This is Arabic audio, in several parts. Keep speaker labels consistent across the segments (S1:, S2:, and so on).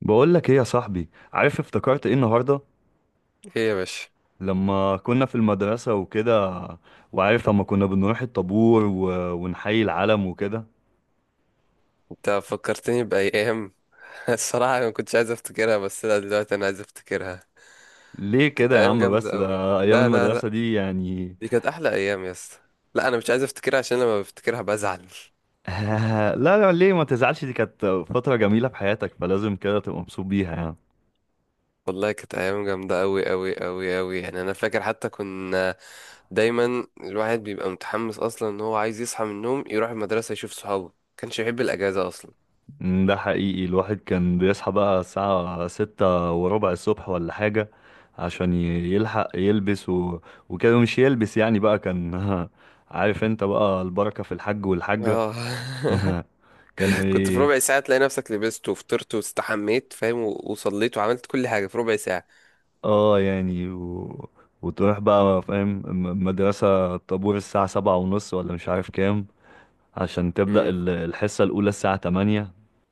S1: بقول لك ايه يا صاحبي، عارف افتكرت ايه النهارده
S2: ايه يا باشا؟
S1: لما كنا في المدرسة وكده. وعارف لما كنا بنروح الطابور ونحيي العلم وكده.
S2: انت فكرتني بأيام. الصراحة أنا ما كنتش عايز افتكرها بس لا دلوقتي انا عايز افتكرها.
S1: ليه
S2: كانت
S1: كده يا
S2: ايام
S1: عم؟
S2: جامدة
S1: بس
S2: قوي.
S1: ده ايام
S2: لا، لا، لا،
S1: المدرسة دي يعني.
S2: دي كانت احلى ايام يا اسطى. لا انا مش عايز افتكرها عشان لما بفتكرها بزعل.
S1: لا لا، ليه ما تزعلش؟ دي كانت فترة جميلة في حياتك، فلازم كده تبقى مبسوط بيها يعني.
S2: والله كانت ايام جامدة قوي قوي قوي قوي، يعني انا فاكر. حتى كنا دايما الواحد بيبقى متحمس اصلا ان هو عايز يصحى من النوم يروح المدرسة يشوف صحابه، كانش يحب الاجازة اصلا.
S1: مم، ده حقيقي. الواحد كان بيصحى بقى الساعة 6:15 الصبح ولا حاجة. عشان يلحق يلبس وكده، مش يلبس يعني بقى كان. عارف انت بقى، البركة في الحج والحاجة.
S2: اه.
S1: كانوا
S2: كنت في
S1: ايه؟
S2: ربع ساعة تلاقي نفسك لبست وفطرت واستحميت، فاهم، وصليت وعملت كل حاجة في ربع ساعة.
S1: اه يعني وتروح بقى فاهم، مدرسة، الطابور الساعة 7:30 ولا مش عارف كام. عشان تبدأ
S2: مم.
S1: الحصة الأولى الساعة 8.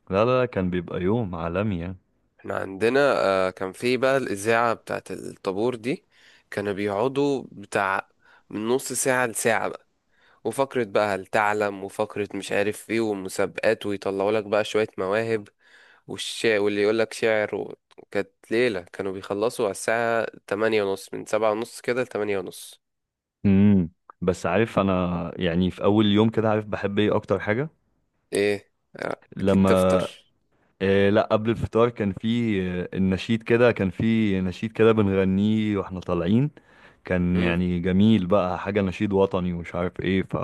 S1: لا لا لا، كان بيبقى يوم عالمي يعني.
S2: احنا عندنا كان في بقى الإذاعة بتاعت الطابور دي. كانوا بيقعدوا بتاع من نص ساعة لساعة بقى. وفقرة بقى هل تعلم، وفقرة مش عارف ايه، ومسابقات، ويطلعوا لك بقى شوية مواهب، والشعر واللي يقول لك شعر. و... كانت ليلة، كانوا بيخلصوا على الساعة 8:30، من 7:30 كده لـ8:30.
S1: امم. بس عارف انا يعني، في اول يوم كده عارف بحب ايه اكتر حاجه؟
S2: ايه أكيد
S1: لما
S2: تفطر.
S1: إيه؟ لا، قبل الفطار كان في النشيد. كده كان في نشيد كده بنغنيه واحنا طالعين. كان
S2: مم.
S1: يعني جميل بقى، حاجه نشيد وطني ومش عارف ايه ف،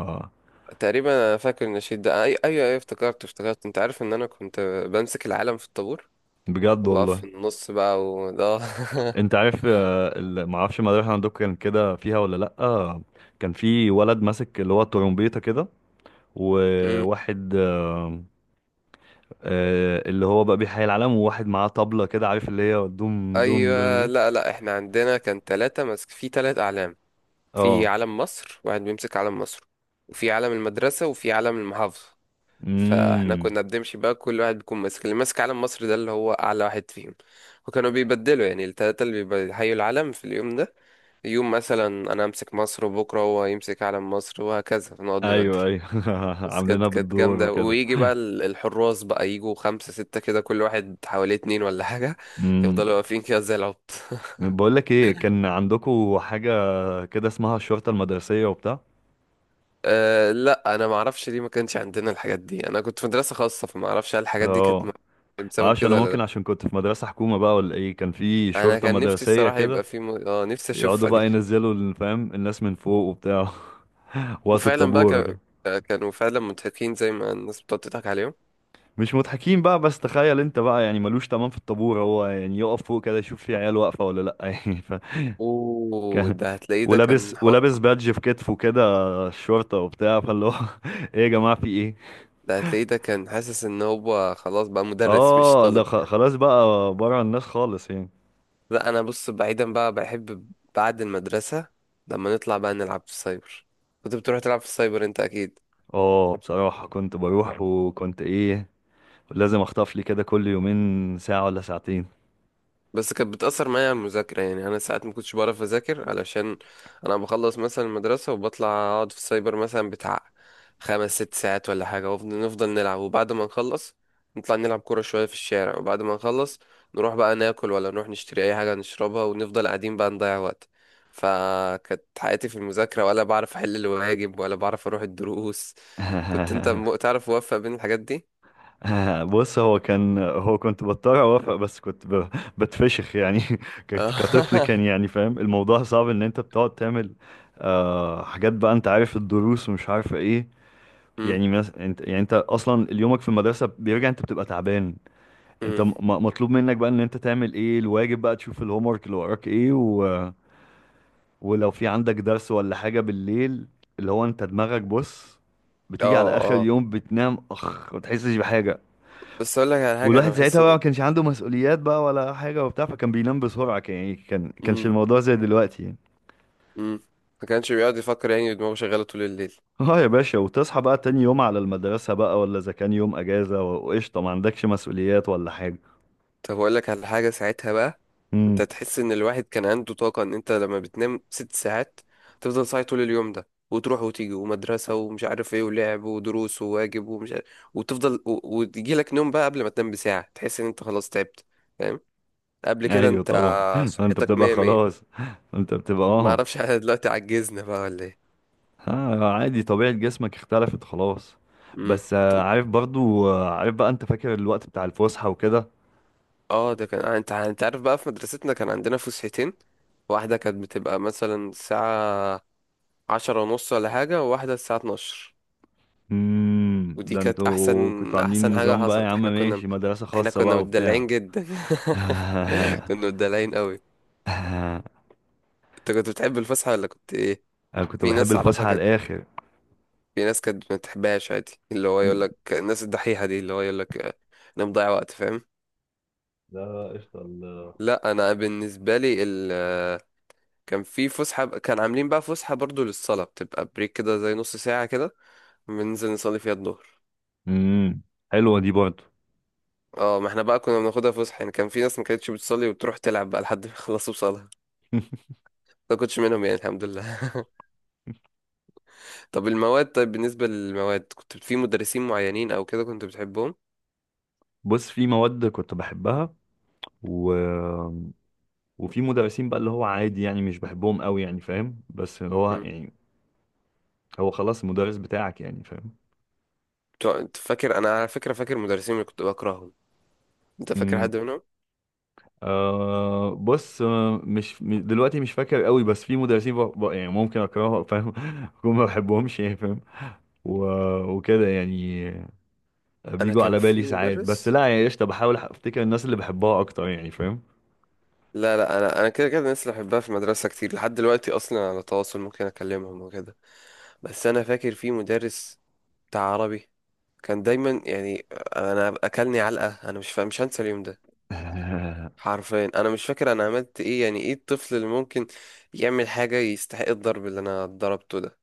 S2: تقريبا أنا فاكر النشيد ده. أيوة أيوة، افتكرت افتكرت. أنت عارف إن أنا كنت بمسك العالم في الطابور
S1: بجد
S2: وبقى
S1: والله.
S2: في النص بقى وده.
S1: انت عارف معرفش المدرسه عندكم كان كده فيها ولا لا. كان في ولد ماسك اللي هو الترومبيته كده،
S2: مم.
S1: وواحد اللي هو بقى بيحيي العالم، وواحد معاه طبلة كده، عارف اللي هي دوم دوم دوم
S2: ايوه.
S1: دي.
S2: لا لا احنا عندنا كان ثلاثة ماسك في ثلاث اعلام. في
S1: اه،
S2: علم مصر، واحد بيمسك علم مصر، وفي علم المدرسة، وفي علم المحافظة. فاحنا
S1: امم.
S2: كنا بنمشي بقى كل واحد بيكون ماسك، اللي ماسك علم مصر ده اللي هو اعلى واحد فيهم. وكانوا بيبدلوا يعني الثلاثة اللي بيحيوا العلم في اليوم ده. يوم مثلا انا امسك مصر وبكرة هو يمسك علم مصر، وهكذا فنقعد نبدل.
S1: ايوه ايوه.
S2: بس كانت
S1: عاملينها
S2: كانت
S1: بالدور
S2: جامدة.
S1: وكده.
S2: ويجي بقى الحراس بقى، يجوا خمسة ستة كده، كل واحد حواليه اتنين ولا حاجة.
S1: امم.
S2: يفضلوا واقفين كده زي العبط.
S1: بقول لك ايه، كان عندكم حاجة كده اسمها الشرطة المدرسية وبتاع؟
S2: أه لا أنا معرفش ليه ما كانش عندنا الحاجات دي، أنا كنت في مدرسة خاصة فمعرفش هل الحاجات دي كانت
S1: اه،
S2: بسبب
S1: معرفش انا.
S2: كده ولا
S1: ممكن
S2: لأ.
S1: عشان كنت في مدرسة حكومة بقى، ولا ايه كان في
S2: أنا
S1: شرطة
S2: كان نفسي
S1: مدرسية
S2: الصراحة
S1: كده.
S2: يبقى في م... اه نفسي
S1: يقعدوا
S2: أشوفها دي.
S1: بقى ينزلوا فاهم الناس من فوق وبتاع. وقت
S2: وفعلا بقى ك...
S1: الطابور وكده.
S2: آه، كانوا فعلا مضحكين زي ما الناس بتقعد تضحك عليهم.
S1: مش مضحكين بقى، بس تخيل انت بقى يعني ملوش تمام في الطابور، هو يعني يقف فوق كده يشوف في عيال واقفة ولا لأ. يعني ف
S2: أوه،
S1: كان،
S2: ده هتلاقيه ده
S1: ولابس
S2: كان حر.
S1: ولابس بادج في كتفه كده، الشرطة وبتاع، فاللي هو ايه يا جماعة في ايه؟
S2: ده هتلاقيه ده كان حاسس إن هو خلاص بقى مدرس مش
S1: اه ده
S2: طالب.
S1: خلاص بقى بره الناس خالص يعني.
S2: لا انا بص، بعيدا بقى، بحب بعد المدرسة لما نطلع بقى نلعب في السايبر. كنت بتروح تلعب في السايبر انت اكيد؟
S1: اه بصراحة كنت بروح. وكنت ايه، لازم اخطف لي كده كل يومين ساعة ولا ساعتين.
S2: بس كانت بتأثر معايا على المذاكرة، يعني أنا ساعات ما كنتش بعرف أذاكر علشان أنا بخلص مثلا المدرسة وبطلع أقعد في السايبر مثلا بتاع خمس ست ساعات ولا حاجة، ونفضل نفضل نلعب، وبعد ما نخلص نطلع نلعب كورة شوية في الشارع، وبعد ما نخلص نروح بقى ناكل، ولا نروح نشتري أي حاجة نشربها، ونفضل قاعدين بقى نضيع وقت. فكانت حياتي في المذاكرة ولا بعرف أحل الواجب ولا بعرف أروح الدروس. كنت أنت تعرف موفق بين الحاجات دي؟
S1: آه، بص. هو كنت بضطر اوافق، بس كنت بتفشخ يعني. كطفل كان
S2: اه.
S1: يعني، فاهم الموضوع صعب ان انت بتقعد تعمل آه حاجات بقى. انت عارف الدروس ومش عارف ايه.
S2: مم.
S1: يعني انت يعني، انت اصلا يومك في المدرسه بيرجع انت بتبقى تعبان. انت
S2: مم.
S1: مطلوب منك بقى ان انت تعمل ايه الواجب بقى، تشوف الهوم ورك اللي وراك ايه ولو في عندك درس ولا حاجه بالليل. اللي هو انت دماغك بص، بتيجي على اخر
S2: اه
S1: يوم بتنام اخ، ما بتحسش بحاجه.
S2: بس اقول لك على حاجه،
S1: والواحد
S2: انا
S1: ساعتها
S2: بحس
S1: بقى
S2: ان.
S1: ما كانش عنده مسؤوليات بقى ولا حاجة وبتاع، فكان بينام بسرعة. كان يعني، كان كانش
S2: امم.
S1: الموضوع زي دلوقتي يعني.
S2: امم. ما كانش بيقعد يفكر، يعني دماغه شغاله طول الليل.
S1: اه يا باشا، وتصحى بقى تاني يوم على المدرسة بقى، ولا إذا كان يوم أجازة وقشطة، ما عندكش مسؤوليات ولا حاجة.
S2: طب اقول لك على حاجه ساعتها بقى، انت
S1: امم.
S2: تحس ان الواحد كان عنده طاقه، ان انت لما بتنام 6 ساعات تفضل صاحي طول اليوم ده، وتروح وتيجي ومدرسه ومش عارف ايه، ولعب ودروس وواجب ومش عارف، وتفضل، وتجي لك نوم بقى قبل ما تنام بساعه تحس ان انت خلاص تعبت، فاهم؟ قبل كده
S1: أيوه
S2: انت
S1: طبعا. أنت
S2: صحتك
S1: بتبقى
S2: مية مية.
S1: خلاص. أنت بتبقى
S2: ما
S1: اه،
S2: اعرفش، احنا دلوقتي عجزنا بقى ولا ايه؟
S1: آه، عادي، طبيعة جسمك اختلفت خلاص.
S2: امم.
S1: بس عارف برضو، عارف بقى، أنت فاكر الوقت بتاع الفسحة وكده؟
S2: اه ده كان انت عارف بقى في مدرستنا كان عندنا فسحتين. واحدة كانت بتبقى مثلا الساعة 10:30 ولا حاجة، وواحدة الساعة 12.
S1: امم.
S2: ودي
S1: ده
S2: كانت أحسن
S1: انتوا كنتوا عاملين
S2: أحسن حاجة
S1: نظام بقى يا
S2: حصلت.
S1: عم،
S2: احنا كنا
S1: ماشي، مدرسة
S2: احنا
S1: خاصة
S2: كنا
S1: بقى وبتاع.
S2: متدلعين جدا. كنا متدلعين قوي.
S1: انا
S2: انت كنت بتحب الفسحة ولا كنت ايه؟
S1: كنت
S2: في
S1: بحب
S2: ناس أعرفها
S1: الفسحه على
S2: كانت.
S1: الاخر.
S2: في ناس كانت ما بتحبهاش عادي، اللي هو يقول لك الناس الدحيحة دي، اللي هو يقول لك انا مضيع وقت، فاهم.
S1: لا قشطة
S2: لا انا بالنسبة لي، كان في فسحة، كان عاملين بقى فسحة برضو للصلاة، بتبقى بريك كده زي نص ساعة كده، بننزل نصلي فيها الظهر.
S1: امم. حلوه دي برضه.
S2: اه ما احنا بقى كنا بناخدها فسحة، يعني كان في ناس ما كانتش بتصلي وبتروح تلعب بقى لحد ما يخلصوا صلاة، ما كنتش منهم يعني الحمد لله. طب المواد، طيب بالنسبة للمواد كنت في مدرسين معينين او كده كنت بتحبهم؟
S1: بص، في مواد كنت بحبها، و... وفي مدرسين بقى اللي هو عادي يعني، مش بحبهم قوي يعني فاهم. بس اللي هو
S2: مم.
S1: يعني، هو خلاص المدرس بتاعك يعني فاهم.
S2: انت فاكر، انا على فكرة فاكر مدرسين اللي كنت بكرههم، انت فاكر
S1: امم.
S2: حد منهم؟
S1: آه بص، آه، مش م- دلوقتي مش فاكر قوي، بس في مدرسين يعني ممكن اكرههم فاهم. ممكن ما بحبهمش يعني فاهم، و... وكده يعني.
S2: انا
S1: بيجوا
S2: كان
S1: على بالي
S2: في
S1: ساعات، بس
S2: مدرس.
S1: لا يعني قشطة، بحاول افتكر الناس اللي بحبها اكتر يعني فاهم.
S2: لا لا انا كده كده الناس اللي بحبها في المدرسة كتير، لحد دلوقتي اصلا على تواصل ممكن اكلمهم وكده. بس انا فاكر في مدرس بتاع عربي، كان دايما يعني انا اكلني علقه. انا مش هنسى اليوم ده.
S1: آه،
S2: حرفيا انا مش فاكر انا عملت ايه، يعني ايه الطفل اللي ممكن يعمل حاجه يستحق الضرب اللي انا ضربته ده؟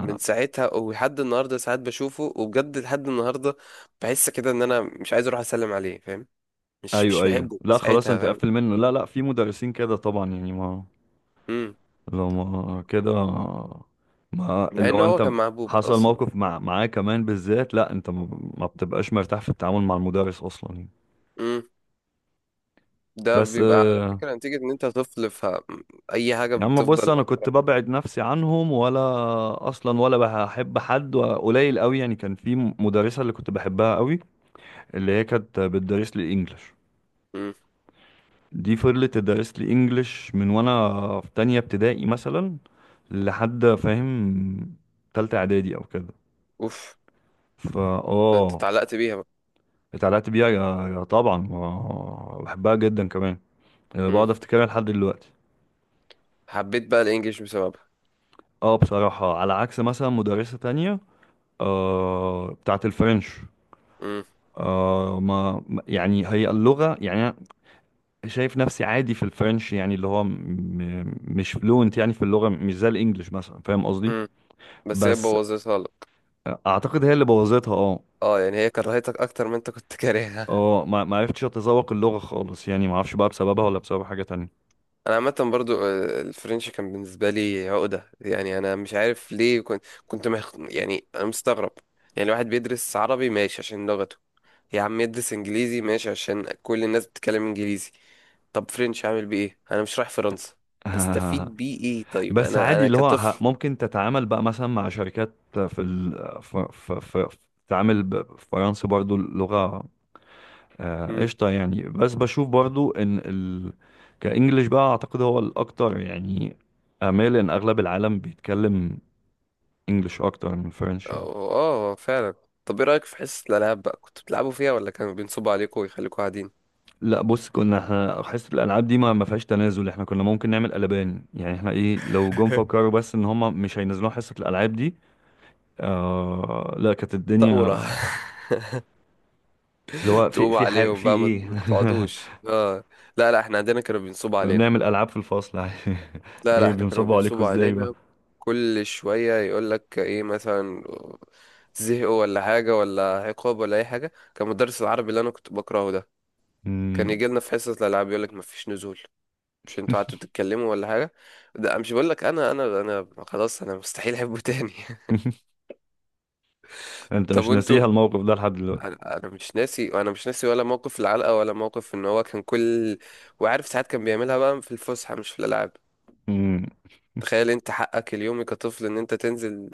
S2: من ساعتها ولحد النهارده ساعات بشوفه، وبجد لحد النهارده بحس كده ان انا مش عايز اروح اسلم عليه، فاهم؟ مش
S1: ايوه ايوه،
S2: بحبه من
S1: لا خلاص،
S2: ساعتها،
S1: انت
S2: فاهم.
S1: قفل منه. لا لا، في مدرسين كده طبعا يعني، ما
S2: امم.
S1: لو ما كده، ما
S2: مع
S1: اللي
S2: ان
S1: هو
S2: هو
S1: انت
S2: كان محبوب
S1: حصل
S2: اصلا.
S1: موقف مع معاه كمان بالذات. لا انت ما بتبقاش مرتاح في التعامل مع المدرس اصلا يعني.
S2: امم. ده
S1: بس
S2: بيبقى على
S1: آه،
S2: فكره نتيجه ان انت طفل، فاي حاجه
S1: يا عم بص،
S2: بتفضل
S1: انا
S2: محفوره
S1: كنت
S2: في
S1: ببعد
S2: دماغك.
S1: نفسي عنهم، ولا اصلا، ولا بحب حد، وقليل قوي يعني. كان في مدرسة اللي كنت بحبها قوي، اللي هي كانت بتدرس لي الانجليش.
S2: إمم.
S1: دي فضلت تدرس لي انجليش من وانا في تانية ابتدائي مثلا، لحد فاهم تالتة اعدادي او كده.
S2: اوف،
S1: فا،
S2: ده انت
S1: اه.
S2: اتعلقت بيها بقى.
S1: اتعلقت بيها يا طبعا، آه، بحبها جدا كمان. آه،
S2: امم.
S1: بقعد افتكرها لحد دلوقتي.
S2: حبيت بقى الانجليش بسببها.
S1: اه بصراحة، على عكس مثلا مدرسة تانية آه بتاعت الفرنش.
S2: امم.
S1: آه، يعني هي اللغة يعني، شايف نفسي عادي في الفرنش يعني، اللي هو مش فلوينت يعني في اللغة، مش زي الانجليش مثلا، فاهم قصدي.
S2: امم. بس هي
S1: بس
S2: بوظتها لك.
S1: اعتقد هي اللي بوظتها، اه.
S2: اه يعني هي كرهتك اكتر ما انت كنت كارهها.
S1: اه، ما ما عرفتش اتذوق اللغة خالص يعني، ما اعرفش بقى بسببها ولا بسبب حاجة تانية.
S2: انا عامه برضو الفرنش كان بالنسبه لي عقده، يعني انا مش عارف ليه يعني انا مستغرب. يعني الواحد بيدرس عربي ماشي عشان لغته، يا عم يدرس انجليزي ماشي عشان كل الناس بتتكلم انجليزي، طب فرنش اعمل بيه ايه؟ انا مش رايح فرنسا، هستفيد بيه ايه طيب؟
S1: بس
S2: انا
S1: عادي،
S2: انا
S1: اللي هو
S2: كطفل.
S1: ممكن تتعامل بقى مثلا مع شركات في ال... في في في تعامل بفرنسي برضو اللغة. آه
S2: امم.
S1: قشطة يعني، بس بشوف برضو ان كإنجليش بقى اعتقد هو الاكتر يعني، امال ان اغلب العالم بيتكلم انجليش اكتر من فرنشي.
S2: اه فعلا. طب ايه رأيك في حصة الألعاب بقى، كنت بتلعبوا فيها ولا كانوا بينصبوا عليكم ويخليكم قاعدين؟
S1: لا بص، كنا احنا حصة الالعاب دي ما فيهاش تنازل. احنا كنا ممكن نعمل قلبان يعني، احنا ايه لو جم فكروا بس ان هم مش هينزلوها حصة الالعاب دي. آه لا، كانت
S2: ثورة.
S1: الدنيا، اللي هو في
S2: تقوموا
S1: في حاجة،
S2: عليهم
S1: في
S2: بقى، ما
S1: ايه.
S2: ما تقعدوش، اه. لا لا احنا عندنا كانوا بينصبوا
S1: كنا
S2: علينا.
S1: بنعمل العاب في الفصل عادي.
S2: لا لا
S1: ايه
S2: احنا كانوا
S1: بنصبوا عليكم
S2: بينصبوا
S1: ازاي بقى؟
S2: علينا. كل شوية يقول لك ايه مثلا زهقوا ولا حاجة ولا عقاب ولا أي حاجة، كان مدرس العربي اللي أنا كنت بكرهه ده، كان
S1: مم.
S2: يجي لنا في حصة الألعاب يقول لك مفيش نزول، مش انتوا قعدتوا تتكلموا ولا حاجة. ده مش بقول لك، أنا خلاص أنا مستحيل أحبه تاني.
S1: انت
S2: طب
S1: مش
S2: وانتوا.
S1: ناسيها الموقف ده لحد دلوقتي.
S2: انا مش ناسي، انا مش ناسي ولا موقف العلقه ولا موقف ان هو كان كل. وعارف ساعات كان بيعملها بقى في الفسحه مش في الالعاب.
S1: امم.
S2: تخيل انت حقك اليومي كطفل ان انت تنزل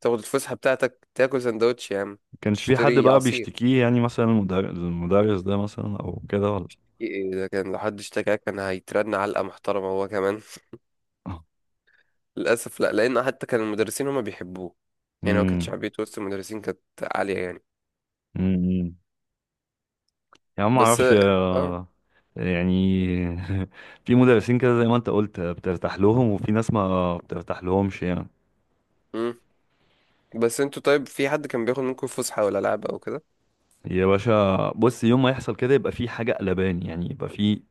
S2: تاخد الفسحه بتاعتك، تاكل سندوتش يا عم،
S1: كانش في حد
S2: تشتري
S1: بقى
S2: عصير.
S1: بيشتكيه يعني، مثلا المدرس ده مثلا او كده، ولا؟
S2: ايه ده كان، لو حد اشتكاك كان هيترن علقه محترمه هو كمان. للاسف لا، لان حتى كان المدرسين هما بيحبوه، يعني هو كانت
S1: امم،
S2: شعبيته وسط المدرسين كانت عاليه يعني.
S1: امم. يا عم، ما
S2: بس
S1: اعرفش
S2: اه.
S1: آه، يعني في مدرسين كده زي ما انت قلت، آه، بترتاح لهم وفي ناس ما بترتاح لهمش يعني.
S2: مم. بس انتوا طيب، في حد كان بياخد منكم فسحه ولا لعب او كده؟
S1: يا باشا بص، يوم ما يحصل كده يبقى في حاجة قلبان يعني، يبقى في،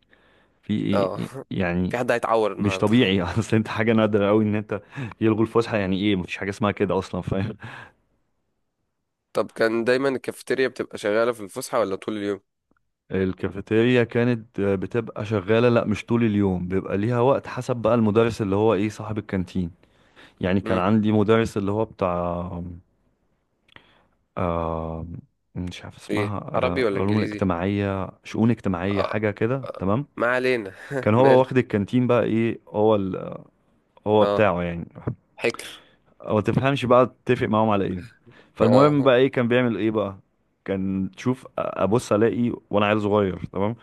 S2: اه. في
S1: يعني
S2: حد هيتعور
S1: مش
S2: النهارده.
S1: طبيعي. اصل انت حاجة نادرة قوي ان انت يلغوا الفسحة، يعني ايه مفيش حاجة اسمها كده اصلا.
S2: طب كان دايما الكافيتيريا بتبقى شغاله في الفسحه ولا طول اليوم؟
S1: الكافيتيريا كانت آه، بتبقى شغالة. لا، مش طول اليوم، بيبقى ليها وقت، حسب بقى المدرس اللي هو ايه صاحب الكانتين. يعني كان
S2: امم.
S1: عندي مدرس اللي هو بتاع آه، مش عارف
S2: ايه
S1: اسمها.
S2: عربي
S1: آه
S2: ولا
S1: علوم
S2: انجليزي؟
S1: الاجتماعية، شؤون اجتماعية،
S2: آه.
S1: حاجة كده
S2: آه،
S1: تمام.
S2: ما علينا،
S1: كان هو
S2: ماله.
S1: واخد الكانتين بقى، ايه، هو هو
S2: اه
S1: بتاعه يعني،
S2: حكر.
S1: او تفهمش بقى، تتفق معاهم على ايه. فالمهم
S2: اه.
S1: بقى ايه كان بيعمل ايه بقى؟ كان تشوف، ابص الاقي وانا عيل صغير تمام،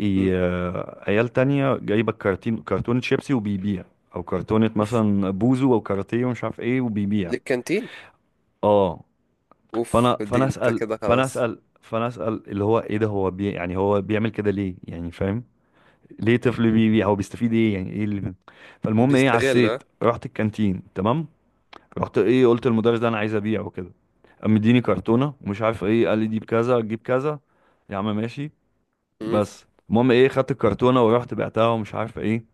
S1: إيه
S2: مم.
S1: آه، عيال تانية جايبة كرتونة شيبسي وبيبيع، او كرتونة
S2: اوف،
S1: مثلا بوزو او كاراتيه ومش عارف ايه وبيبيع.
S2: للكانتين.
S1: اه.
S2: اوف
S1: فانا
S2: دي
S1: فانا
S2: انت
S1: اسال
S2: كده
S1: فانا
S2: خلاص.
S1: اسال فانا اسال اللي هو ايه ده، هو يعني هو بيعمل كده ليه يعني فاهم؟ ليه طفل بيبيع؟ هو بيستفيد ايه يعني؟ ايه اللي، فالمهم ايه،
S2: بيستغل،
S1: عسيت
S2: ها.
S1: رحت الكانتين تمام. رحت، ايه، قلت للمدرس ده انا عايز ابيع وكده. قام مديني كرتونه ومش عارف ايه، قال لي دي بكذا تجيب كذا. يا عم ماشي.
S2: مم.
S1: بس المهم ايه، خدت الكرتونه ورحت بعتها ومش عارف ايه.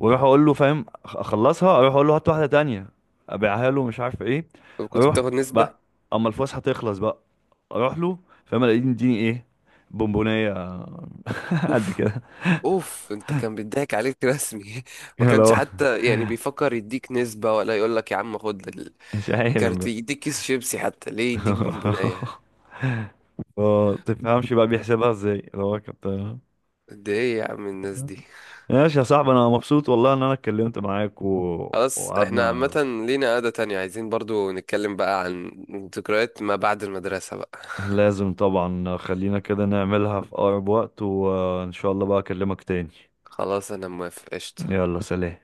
S1: واروح اقول له فاهم، اخلصها، اروح اقول له هات واحده تانية ابيعها له مش عارف ايه،
S2: طب كنت
S1: اروح
S2: بتاخد
S1: بقى.
S2: نسبه؟
S1: اما الفلوس هتخلص بقى، اروح له فاهم، الاقيه مديني ايه؟ بونبونيه. قد
S2: اوف.
S1: كده.
S2: اوف انت كان بيضحك عليك رسمي، ما
S1: اللي
S2: كانش
S1: هو
S2: حتى يعني بيفكر يديك نسبه ولا يقول لك يا عم خد
S1: مش عارف
S2: الكارت،
S1: بقى.
S2: يديك كيس شيبسي حتى، ليه يديك بونبونايه؟
S1: ما تفهمش بقى بيحسبها ازاي، اللي هو كابتن.
S2: قد ايه يا عم الناس دي.
S1: ماشي يا صاحبي، انا مبسوط والله ان انا اتكلمت معاك
S2: خلاص احنا
S1: وقعدنا.
S2: عامة لينا قعدة تانية، عايزين برضو نتكلم بقى عن ذكريات ما بعد المدرسة بقى.
S1: لازم طبعا، خلينا كده نعملها في اقرب وقت، وان شاء الله بقى اكلمك تاني.
S2: خلاص انا موافق، قشطة.
S1: يلا سلام.